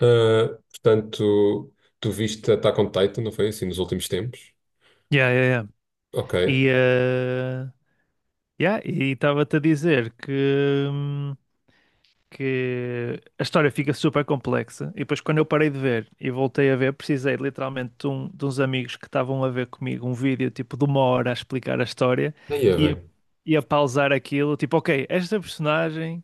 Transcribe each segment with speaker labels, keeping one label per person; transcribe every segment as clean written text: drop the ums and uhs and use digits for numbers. Speaker 1: Ah, portanto, tu viste Attack on Titan, não foi assim, nos últimos tempos?
Speaker 2: Yeah, yeah, yeah.
Speaker 1: Ok.
Speaker 2: E yeah, e estava-te a dizer hum, que a história fica super complexa. E depois, quando eu parei de ver e voltei a ver, precisei literalmente de uns amigos que estavam a ver comigo um vídeo tipo de 1 hora a explicar a história
Speaker 1: Daí é
Speaker 2: e a,
Speaker 1: bem.
Speaker 2: e a pausar aquilo. Tipo, ok, esta personagem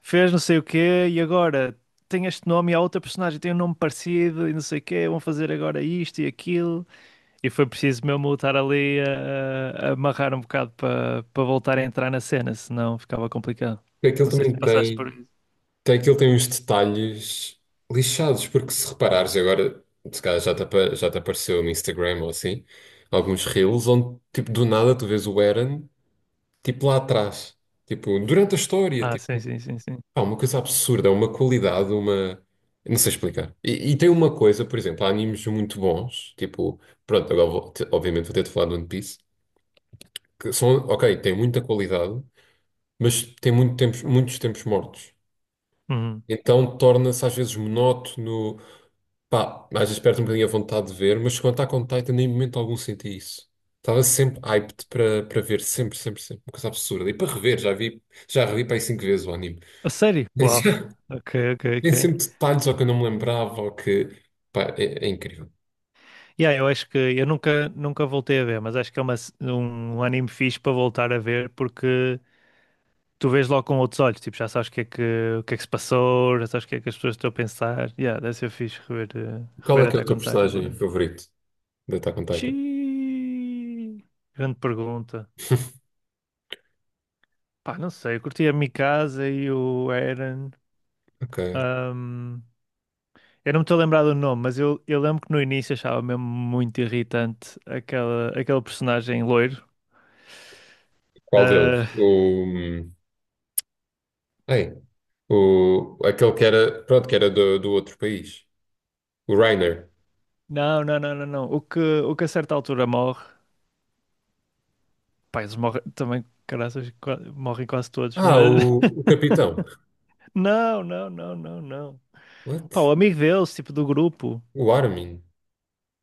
Speaker 2: fez não sei o quê e agora tem este nome e a outra personagem tem um nome parecido e não sei o quê. Vão fazer agora isto e aquilo. E foi preciso mesmo eu estar ali a amarrar um bocado para voltar a entrar na cena, senão ficava complicado.
Speaker 1: Aquilo
Speaker 2: Não sei
Speaker 1: também
Speaker 2: se passaste por isso.
Speaker 1: tem uns detalhes lixados, porque se reparares agora, se calhar já te apareceu no Instagram ou assim, alguns reels onde, tipo, do nada tu vês o Eren, tipo, lá atrás. Tipo, durante a história,
Speaker 2: Ah,
Speaker 1: tipo,
Speaker 2: sim, sim, sim, sim.
Speaker 1: pá, uma coisa absurda, uma qualidade. Não sei explicar. E tem uma coisa, por exemplo, há animes muito bons, tipo, pronto, agora obviamente vou ter de falar de One Piece, que são, ok, têm muita qualidade, mas têm muitos tempos mortos.
Speaker 2: Uhum.
Speaker 1: Então torna-se às vezes monótono, pá, às vezes perde um bocadinho a vontade de ver, mas quando está com Titan, nem em momento algum senti isso. Estava sempre hyped para ver, sempre, sempre, sempre. Uma coisa absurda. E para rever, já revi para aí cinco vezes o anime.
Speaker 2: A sério? Uau.
Speaker 1: Já-
Speaker 2: Ok, ok,
Speaker 1: Tem
Speaker 2: ok.
Speaker 1: sempre detalhes ou que eu não me lembrava, ou que. Pá, é incrível.
Speaker 2: Yeah, eu acho que eu nunca voltei a ver, mas acho que é um anime fixe para voltar a ver porque tu vês logo com outros olhos, tipo, já sabes o que é o que é que se passou, já sabes o que é que as pessoas estão a pensar. Yeah, deve ser fixe rever,
Speaker 1: Qual é
Speaker 2: rever
Speaker 1: que é o
Speaker 2: Attack
Speaker 1: teu
Speaker 2: on Titan por
Speaker 1: personagem
Speaker 2: acaso.
Speaker 1: favorito de Attack on Titan?
Speaker 2: Xiii. Grande pergunta. Pá, não sei, eu curti a Mikasa e o Eren.
Speaker 1: Ok.
Speaker 2: ahm, eu não me estou a lembrar do nome, mas eu lembro que no início achava mesmo muito irritante aquele personagem loiro.
Speaker 1: Qual deles?
Speaker 2: Ah,
Speaker 1: O. O, aquele que era, pronto, que era do outro país. O Reiner.
Speaker 2: não, não, não, não, não. O que a certa altura morre. Pá, eles morrem também, caraças, morrem quase todos,
Speaker 1: Ah,
Speaker 2: mas.
Speaker 1: o capitão.
Speaker 2: Não, não, não, não, não. Pá,
Speaker 1: What?
Speaker 2: o amigo deles, tipo do grupo.
Speaker 1: O Armin.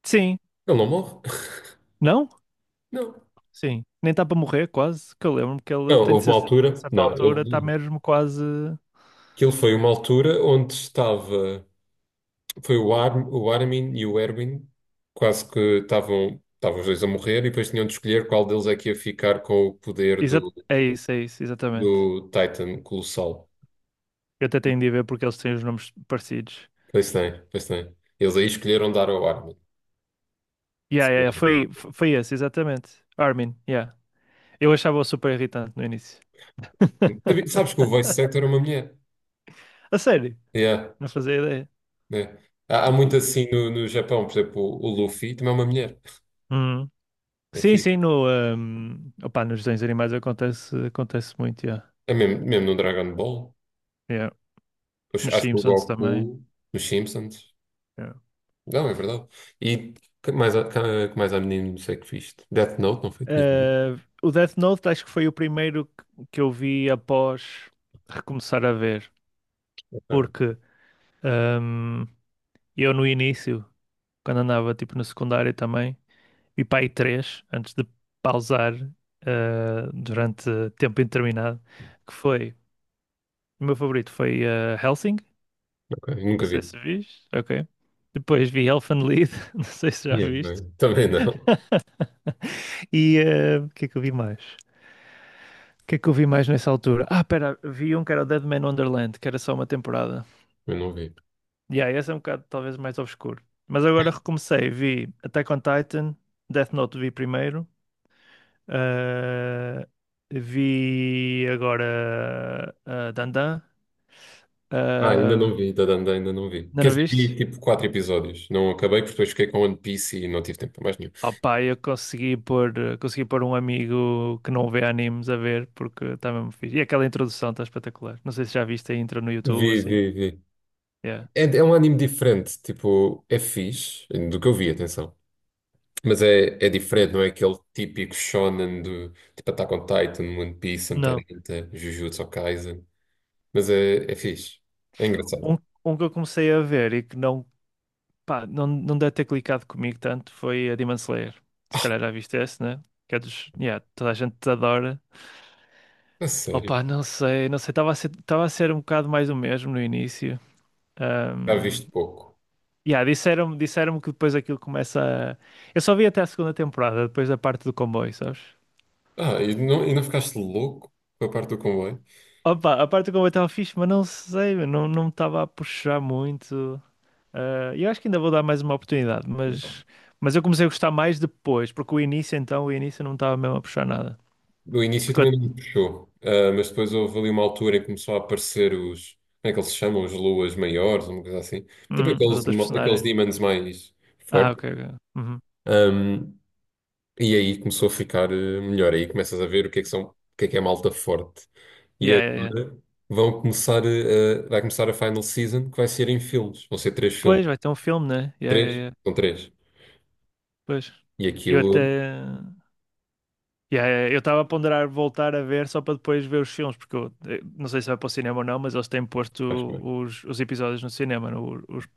Speaker 2: Sim,
Speaker 1: Ele não morre?
Speaker 2: não?
Speaker 1: Não.
Speaker 2: Sim. Nem está para morrer, quase. Que eu lembro que ele
Speaker 1: Não,
Speaker 2: tem de
Speaker 1: houve uma
Speaker 2: ser. A
Speaker 1: altura.
Speaker 2: certa
Speaker 1: Não,
Speaker 2: altura está mesmo quase.
Speaker 1: aquilo foi uma altura onde estava. Foi o Armin e o Erwin quase que estavam os dois a morrer e depois tinham de escolher qual deles é que ia ficar com o poder do,
Speaker 2: É isso, é isso, exatamente.
Speaker 1: do Titan Colossal.
Speaker 2: Eu até tenho de ir ver porque eles têm os nomes parecidos.
Speaker 1: Pois tem, pois tem. Eles aí escolheram dar ao Armin.
Speaker 2: Yeah, yeah, yeah, foi esse, exatamente. Armin, yeah. Eu achava-o super irritante no início.
Speaker 1: Sabes que o voice actor é uma mulher.
Speaker 2: A sério,
Speaker 1: Yeah,
Speaker 2: não fazia ideia.
Speaker 1: né? Há, há
Speaker 2: Não
Speaker 1: muito
Speaker 2: fazia ideia.
Speaker 1: assim no, Japão, por exemplo, o Luffy também é uma mulher.
Speaker 2: Uhum.
Speaker 1: É
Speaker 2: Sim,
Speaker 1: fixe.
Speaker 2: sim, no, um, opá, nos desenhos animais acontece muito, yeah.
Speaker 1: É mesmo, mesmo no Dragon Ball.
Speaker 2: Yeah.
Speaker 1: Oxe,
Speaker 2: Nos
Speaker 1: acho que o
Speaker 2: Simpsons também.
Speaker 1: Goku nos Simpsons.
Speaker 2: Yeah.
Speaker 1: Não, é verdade. E que mais, que mais há menino, não sei que viste. Death Note, não foi? Tinhas visto?
Speaker 2: Eh, o Death Note acho que foi o primeiro que eu vi após recomeçar a ver,
Speaker 1: Ok,
Speaker 2: porque um, eu no início quando andava tipo no secundário também. Vi para aí três antes de pausar durante tempo indeterminado. Que foi, o meu favorito foi Helsing,
Speaker 1: ok.
Speaker 2: não
Speaker 1: Nunca
Speaker 2: sei
Speaker 1: vi.
Speaker 2: se viste, ok. Depois vi Elfenlied, não sei se já
Speaker 1: E é
Speaker 2: viste.
Speaker 1: bem. Também não.
Speaker 2: E o que é que eu vi mais? O que é que eu vi mais nessa altura? Ah, pera, vi um que era o Dead Man Wonderland, que era só uma temporada.
Speaker 1: Eu não vi.
Speaker 2: E yeah, esse é um bocado talvez mais obscuro. Mas agora recomecei, vi Attack on Titan, Death Note vi primeiro. Ah, vi agora Dandan.
Speaker 1: Ah, ainda
Speaker 2: Ah,
Speaker 1: não vi, da Dandan ainda não vi.
Speaker 2: ainda
Speaker 1: Quer
Speaker 2: não
Speaker 1: dizer, vi
Speaker 2: viste?
Speaker 1: tipo quatro episódios. Não acabei porque depois fiquei com One Piece e não tive tempo para mais nenhum.
Speaker 2: Oh, pá, consegui pôr um amigo que não vê animes a ver porque está mesmo fixe. E aquela introdução está espetacular. Não sei se já viste a intro no YouTube
Speaker 1: Vi,
Speaker 2: assim.
Speaker 1: vi, vi.
Speaker 2: Yeah.
Speaker 1: É um anime diferente, tipo, é fixe, do que eu vi, atenção. Mas é diferente, não é aquele típico shonen do tipo Attack on Titan, One Piece, Hunter
Speaker 2: Não.
Speaker 1: x Hunter, Jujutsu Kaisen. Mas é fixe. É engraçado.
Speaker 2: Um, um que eu comecei a ver e que não, pá, não, não deve ter clicado comigo tanto foi a Demon Slayer. Se calhar já viste esse, né? Que é dos. Yeah, toda a gente te adora.
Speaker 1: A sério.
Speaker 2: Opa, não sei, não sei, estava a ser um bocado mais o mesmo no início.
Speaker 1: Já
Speaker 2: Ahm,
Speaker 1: viste pouco.
Speaker 2: yeah, disseram-me, disseram-me que depois aquilo começa a... Eu só vi até a segunda temporada, depois da parte do comboio, sabes?
Speaker 1: Ah, e não ficaste louco com a parte do comboio?
Speaker 2: Opa, a parte do comboio estava fixe, mas não sei, meu, não, não me estava a puxar muito. Ah, eu acho que ainda vou dar mais uma oportunidade,
Speaker 1: Não.
Speaker 2: mas eu comecei a gostar mais depois, porque o início então, o início não me estava mesmo a puxar nada.
Speaker 1: No início
Speaker 2: Porque
Speaker 1: também não
Speaker 2: eu-
Speaker 1: me puxou. Ah, mas depois houve ali uma altura em que começou a aparecer os. Como é que eles se chamam? Os luas maiores, uma coisa assim. Tipo
Speaker 2: as
Speaker 1: aqueles,
Speaker 2: outras
Speaker 1: aqueles
Speaker 2: personagens...
Speaker 1: demons mais
Speaker 2: Ah,
Speaker 1: fortes.
Speaker 2: ok, ok. Uhum.
Speaker 1: Ahm, E aí começou a ficar eh, melhor. Aí começas a ver o que é que são, o que é malta forte. E
Speaker 2: Yeah, yeah, yeah.
Speaker 1: agora vão começar eh, a, vai começar a final season que vai ser em filmes. Vão ser três filmes.
Speaker 2: Pois, vai ter um filme, né? Yeah, yeah,
Speaker 1: Três?
Speaker 2: yeah.
Speaker 1: São três.
Speaker 2: Pois.
Speaker 1: E
Speaker 2: Eu até.
Speaker 1: aquilo,
Speaker 2: Yeah, eu estava a ponderar voltar a ver só para depois ver os filmes, porque eu não sei se vai para o cinema ou não, mas eles têm posto
Speaker 1: acho bem.
Speaker 2: os episódios no cinema.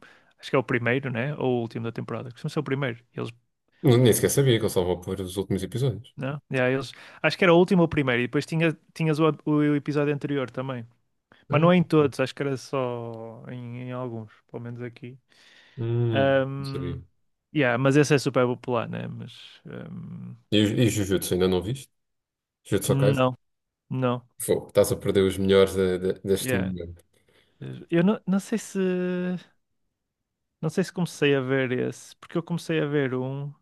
Speaker 2: Acho que é o primeiro, né? Ou o último da temporada. Costuma ser o primeiro.
Speaker 1: Nem sequer sabia que eu só vou pôr os últimos episódios.
Speaker 2: Não? Yeah, eles, acho que era o último ou o primeiro, e depois tinhas o episódio anterior também. Mas não é em
Speaker 1: Ah,
Speaker 2: todos, acho que era só em alguns, pelo menos aqui.
Speaker 1: hum, não
Speaker 2: Ahm,
Speaker 1: sabia.
Speaker 2: yeah, mas esse é super popular, né? Mas.
Speaker 1: E, e
Speaker 2: Que-
Speaker 1: Jujutsu, ainda não viste? Jujutsu Kaisen?
Speaker 2: não, não.
Speaker 1: Fogo, estás a perder os melhores deste
Speaker 2: Yeah.
Speaker 1: momento.
Speaker 2: Eu não sei se comecei a ver esse, porque eu comecei a ver um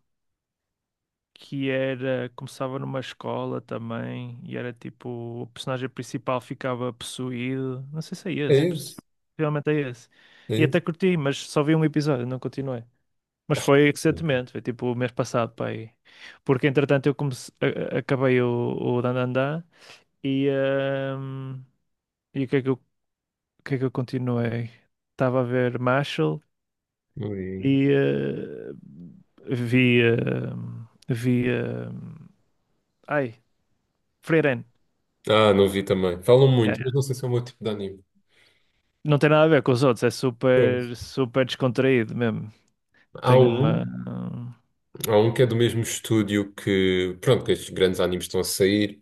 Speaker 2: que era começava numa escola também e era tipo o personagem principal ficava possuído. Não sei se é esse,
Speaker 1: É
Speaker 2: possi-
Speaker 1: isso,
Speaker 2: possivelmente é esse.
Speaker 1: é
Speaker 2: E
Speaker 1: isso.
Speaker 2: até curti, mas só vi um episódio, não continuei. Mas foi recentemente, foi tipo o mês passado para aí. Porque entretanto eu acabei o Dandadan e, e o que é que eu, o que é que eu continuei? Estava a ver Marshall.
Speaker 1: Não vi.
Speaker 2: E vi. eh, vi. eh, ai, Freiren.
Speaker 1: Ah, não vi também. Falam
Speaker 2: Yeah, yeah.
Speaker 1: muito, mas não sei se é o meu tipo de anime.
Speaker 2: Não tem nada a ver com os outros, é super, super descontraído mesmo.
Speaker 1: Há
Speaker 2: Tem
Speaker 1: um,
Speaker 2: uma.
Speaker 1: há um que é do mesmo estúdio que, pronto, que estes grandes animes estão a sair,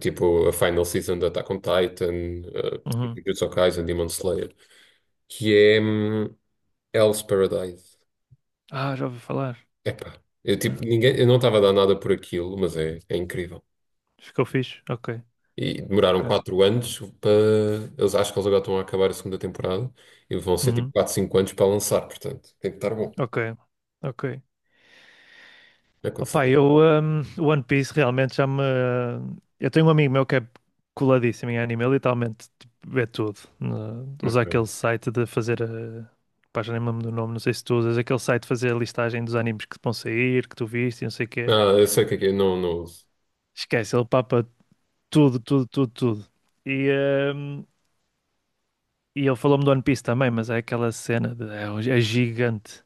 Speaker 1: tipo a Final Season de Attack on Titan, uh,
Speaker 2: Uhum.
Speaker 1: Jujutsu Kaisen, Demon Slayer, que é Hell's Paradise.
Speaker 2: Ah, já ouvi falar.
Speaker 1: Epá, eu, tipo,
Speaker 2: Ah,
Speaker 1: ninguém, eu não estava a dar nada por aquilo, mas é incrível.
Speaker 2: ficou fixe? Ok,
Speaker 1: E demoraram
Speaker 2: ok.
Speaker 1: 4 anos para. Eles acho que eles agora estão a acabar a segunda temporada e vão ser tipo
Speaker 2: Uhum.
Speaker 1: 4 5 anos para lançar, portanto, tem que estar bom.
Speaker 2: Ok, ok.
Speaker 1: Aconselho.
Speaker 2: Opa, o One Piece realmente já me. Eu tenho um amigo meu que é coladíssimo em anime, ele literalmente tipo, vê tudo, né? Usa
Speaker 1: Ok.
Speaker 2: aquele site de fazer. A... Pá, já nem me lembro do nome, não sei se tu usas aquele site de fazer a listagem dos animes que vão sair, que tu viste e não sei o quê.
Speaker 1: Ah, eu sei o que é, não, não uso.
Speaker 2: Esquece, ele papa tudo, tudo, tudo, tudo. E, hum, e ele falou-me do One Piece também, mas é aquela cena de. É gigante.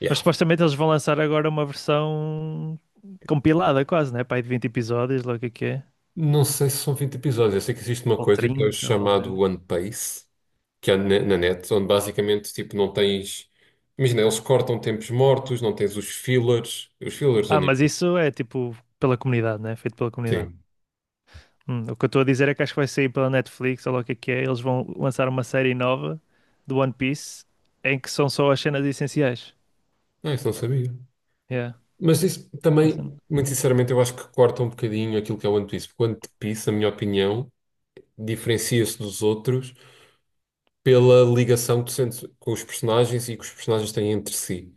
Speaker 1: Yeah.
Speaker 2: Mas supostamente eles vão lançar agora uma versão compilada quase, né? Pá, aí de 20 episódios, logo o que é. Que é.
Speaker 1: Não sei se são 20 episódios. Eu sei que existe uma
Speaker 2: Ou
Speaker 1: coisa que é o
Speaker 2: 30, ou algo do
Speaker 1: chamado
Speaker 2: género.
Speaker 1: One Piece, que é na, na net, onde basicamente tipo, não tens. Imagina, eles cortam tempos mortos, não tens os fillers. Os fillers do
Speaker 2: Ah,
Speaker 1: anime.
Speaker 2: mas isso é tipo pela comunidade, né? Feito pela comunidade.
Speaker 1: Sim.
Speaker 2: O que eu estou a dizer é que acho que vai sair pela Netflix, ou lá o que é que é. Eles vão lançar uma série nova do One Piece em que são só as cenas essenciais.
Speaker 1: Ah, isso não sabia.
Speaker 2: Yeah.
Speaker 1: Mas isso
Speaker 2: É uma
Speaker 1: também,
Speaker 2: cena.
Speaker 1: muito sinceramente, eu acho que corta um bocadinho aquilo que é o One Piece. Porque o One Piece, na minha opinião, diferencia-se dos outros pela ligação que tu sentes com os personagens e que os personagens têm entre si.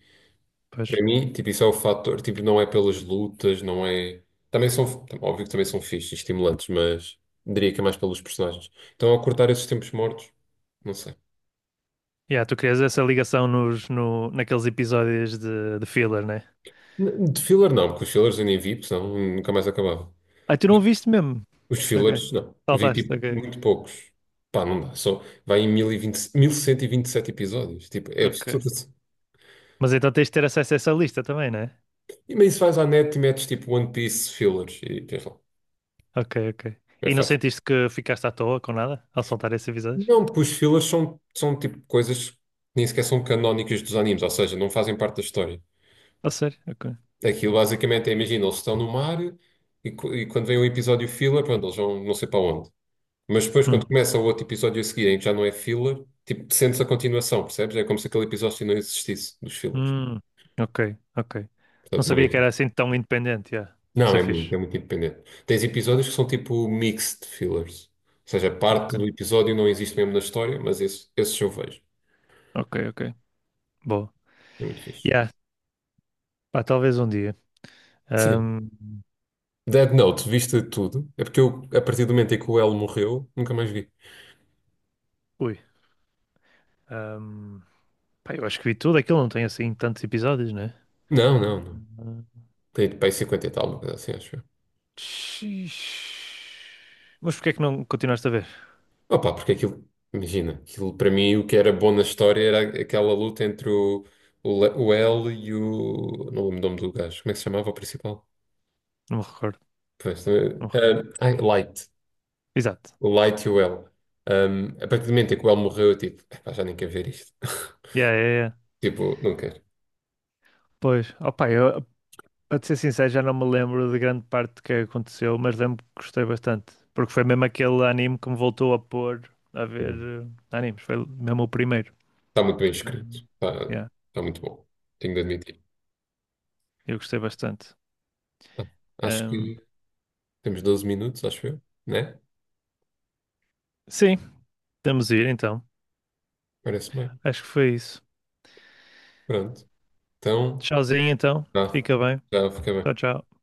Speaker 2: Pois.
Speaker 1: Para mim, tipo, isso é o fator, tipo, não é pelas lutas, não é. Também são, óbvio que também são fixes, e estimulantes, mas diria que é mais pelos personagens. Então, ao cortar esses tempos mortos, não sei.
Speaker 2: Yeah, tu crias essa ligação nos, no, naqueles episódios de filler, né?
Speaker 1: De filler, não, porque os fillers eu nem vi, porque senão nunca mais acabava.
Speaker 2: Ah, tu não viste mesmo?
Speaker 1: Os
Speaker 2: Ok.
Speaker 1: fillers, não. Vi,
Speaker 2: Saltaste,
Speaker 1: tipo,
Speaker 2: ok.
Speaker 1: muito poucos. Pá, não dá. Só vai em mil e vinte cento e vinte e sete episódios. Tipo, é
Speaker 2: Ok.
Speaker 1: absurdo.
Speaker 2: Mas então tens de ter acesso a essa lista também, né?
Speaker 1: E mas isso vais à net e metes, tipo, One Piece fillers e tens lá.
Speaker 2: Ok, ok.
Speaker 1: É
Speaker 2: E não
Speaker 1: fácil.
Speaker 2: sentiste que ficaste à toa com nada ao saltar esses episódios?
Speaker 1: Não, pois fillers são tipo coisas que nem sequer são canónicas dos animes, ou seja, não fazem parte da história.
Speaker 2: A sério? Ok.
Speaker 1: Aquilo basicamente é, imagina, eles estão no mar e, e quando vem o episódio filler, pronto, eles vão não sei para onde. Mas depois,
Speaker 2: Uhum.
Speaker 1: quando começa o outro episódio a seguir, em que já não é filler, tipo, sentes a continuação, percebes? É como se aquele episódio não existisse, dos fillers.
Speaker 2: Hum, ok, ok. Não
Speaker 1: Portanto, não é.
Speaker 2: sabia que era assim tão independente, yeah.
Speaker 1: Não,
Speaker 2: Isso é fixe.
Speaker 1: é muito independente. Tens episódios que são tipo mixed fillers. Ou seja,
Speaker 2: Ok,
Speaker 1: parte do episódio não existe mesmo na história, mas esses eu vejo.
Speaker 2: ok, ok. Boa.
Speaker 1: É muito fixe.
Speaker 2: Yeah, pá, talvez um dia.
Speaker 1: Sim.
Speaker 2: Ahm,
Speaker 1: Dead Note, viste tudo? É porque eu, a partir do momento em que o L morreu, nunca mais vi.
Speaker 2: ui. ahm, pá, eu acho que vi tudo aquilo, não tem assim tantos episódios, né?
Speaker 1: Não, não, não.
Speaker 2: Hum,
Speaker 1: Tem para aí 50 e tal, uma coisa assim, acho eu.
Speaker 2: xiii. Mas porquê é que não continuaste a ver?
Speaker 1: Opa, porque aquilo, imagina, aquilo para mim o que era bom na história era aquela luta entre o L e o. Não lembro o nome do gajo. Como é que se chamava o principal?
Speaker 2: Não me recordo,
Speaker 1: Pois,
Speaker 2: não me recordo.
Speaker 1: ah, ai, Light.
Speaker 2: Exato.
Speaker 1: O Light e o L. Um, a partir do momento em que o L morreu, eu tipo, "Epá, já nem quero ver isto.
Speaker 2: Yeah, yeah, yeah.
Speaker 1: Tipo, não quero.
Speaker 2: Pois, opá, para te ser sincero, já não me lembro de grande parte do que aconteceu, mas lembro que gostei bastante. Porque foi mesmo aquele anime que me voltou a pôr a ver
Speaker 1: Tipo,
Speaker 2: animes. Foi mesmo o primeiro.
Speaker 1: está muito bem escrito.
Speaker 2: Hum.
Speaker 1: Está,
Speaker 2: Yeah,
Speaker 1: está muito bom. Tenho de admitir.
Speaker 2: eu gostei bastante.
Speaker 1: Ah, acho
Speaker 2: Hum,
Speaker 1: que. Temos 12 minutos, acho eu, né?
Speaker 2: sim, podemos ir então.
Speaker 1: Parece bem.
Speaker 2: Acho que foi isso.
Speaker 1: Pronto. Então,
Speaker 2: Tchauzinho então.
Speaker 1: tá.
Speaker 2: Fica bem.
Speaker 1: Já fica
Speaker 2: Tchau,
Speaker 1: bem.
Speaker 2: tchau.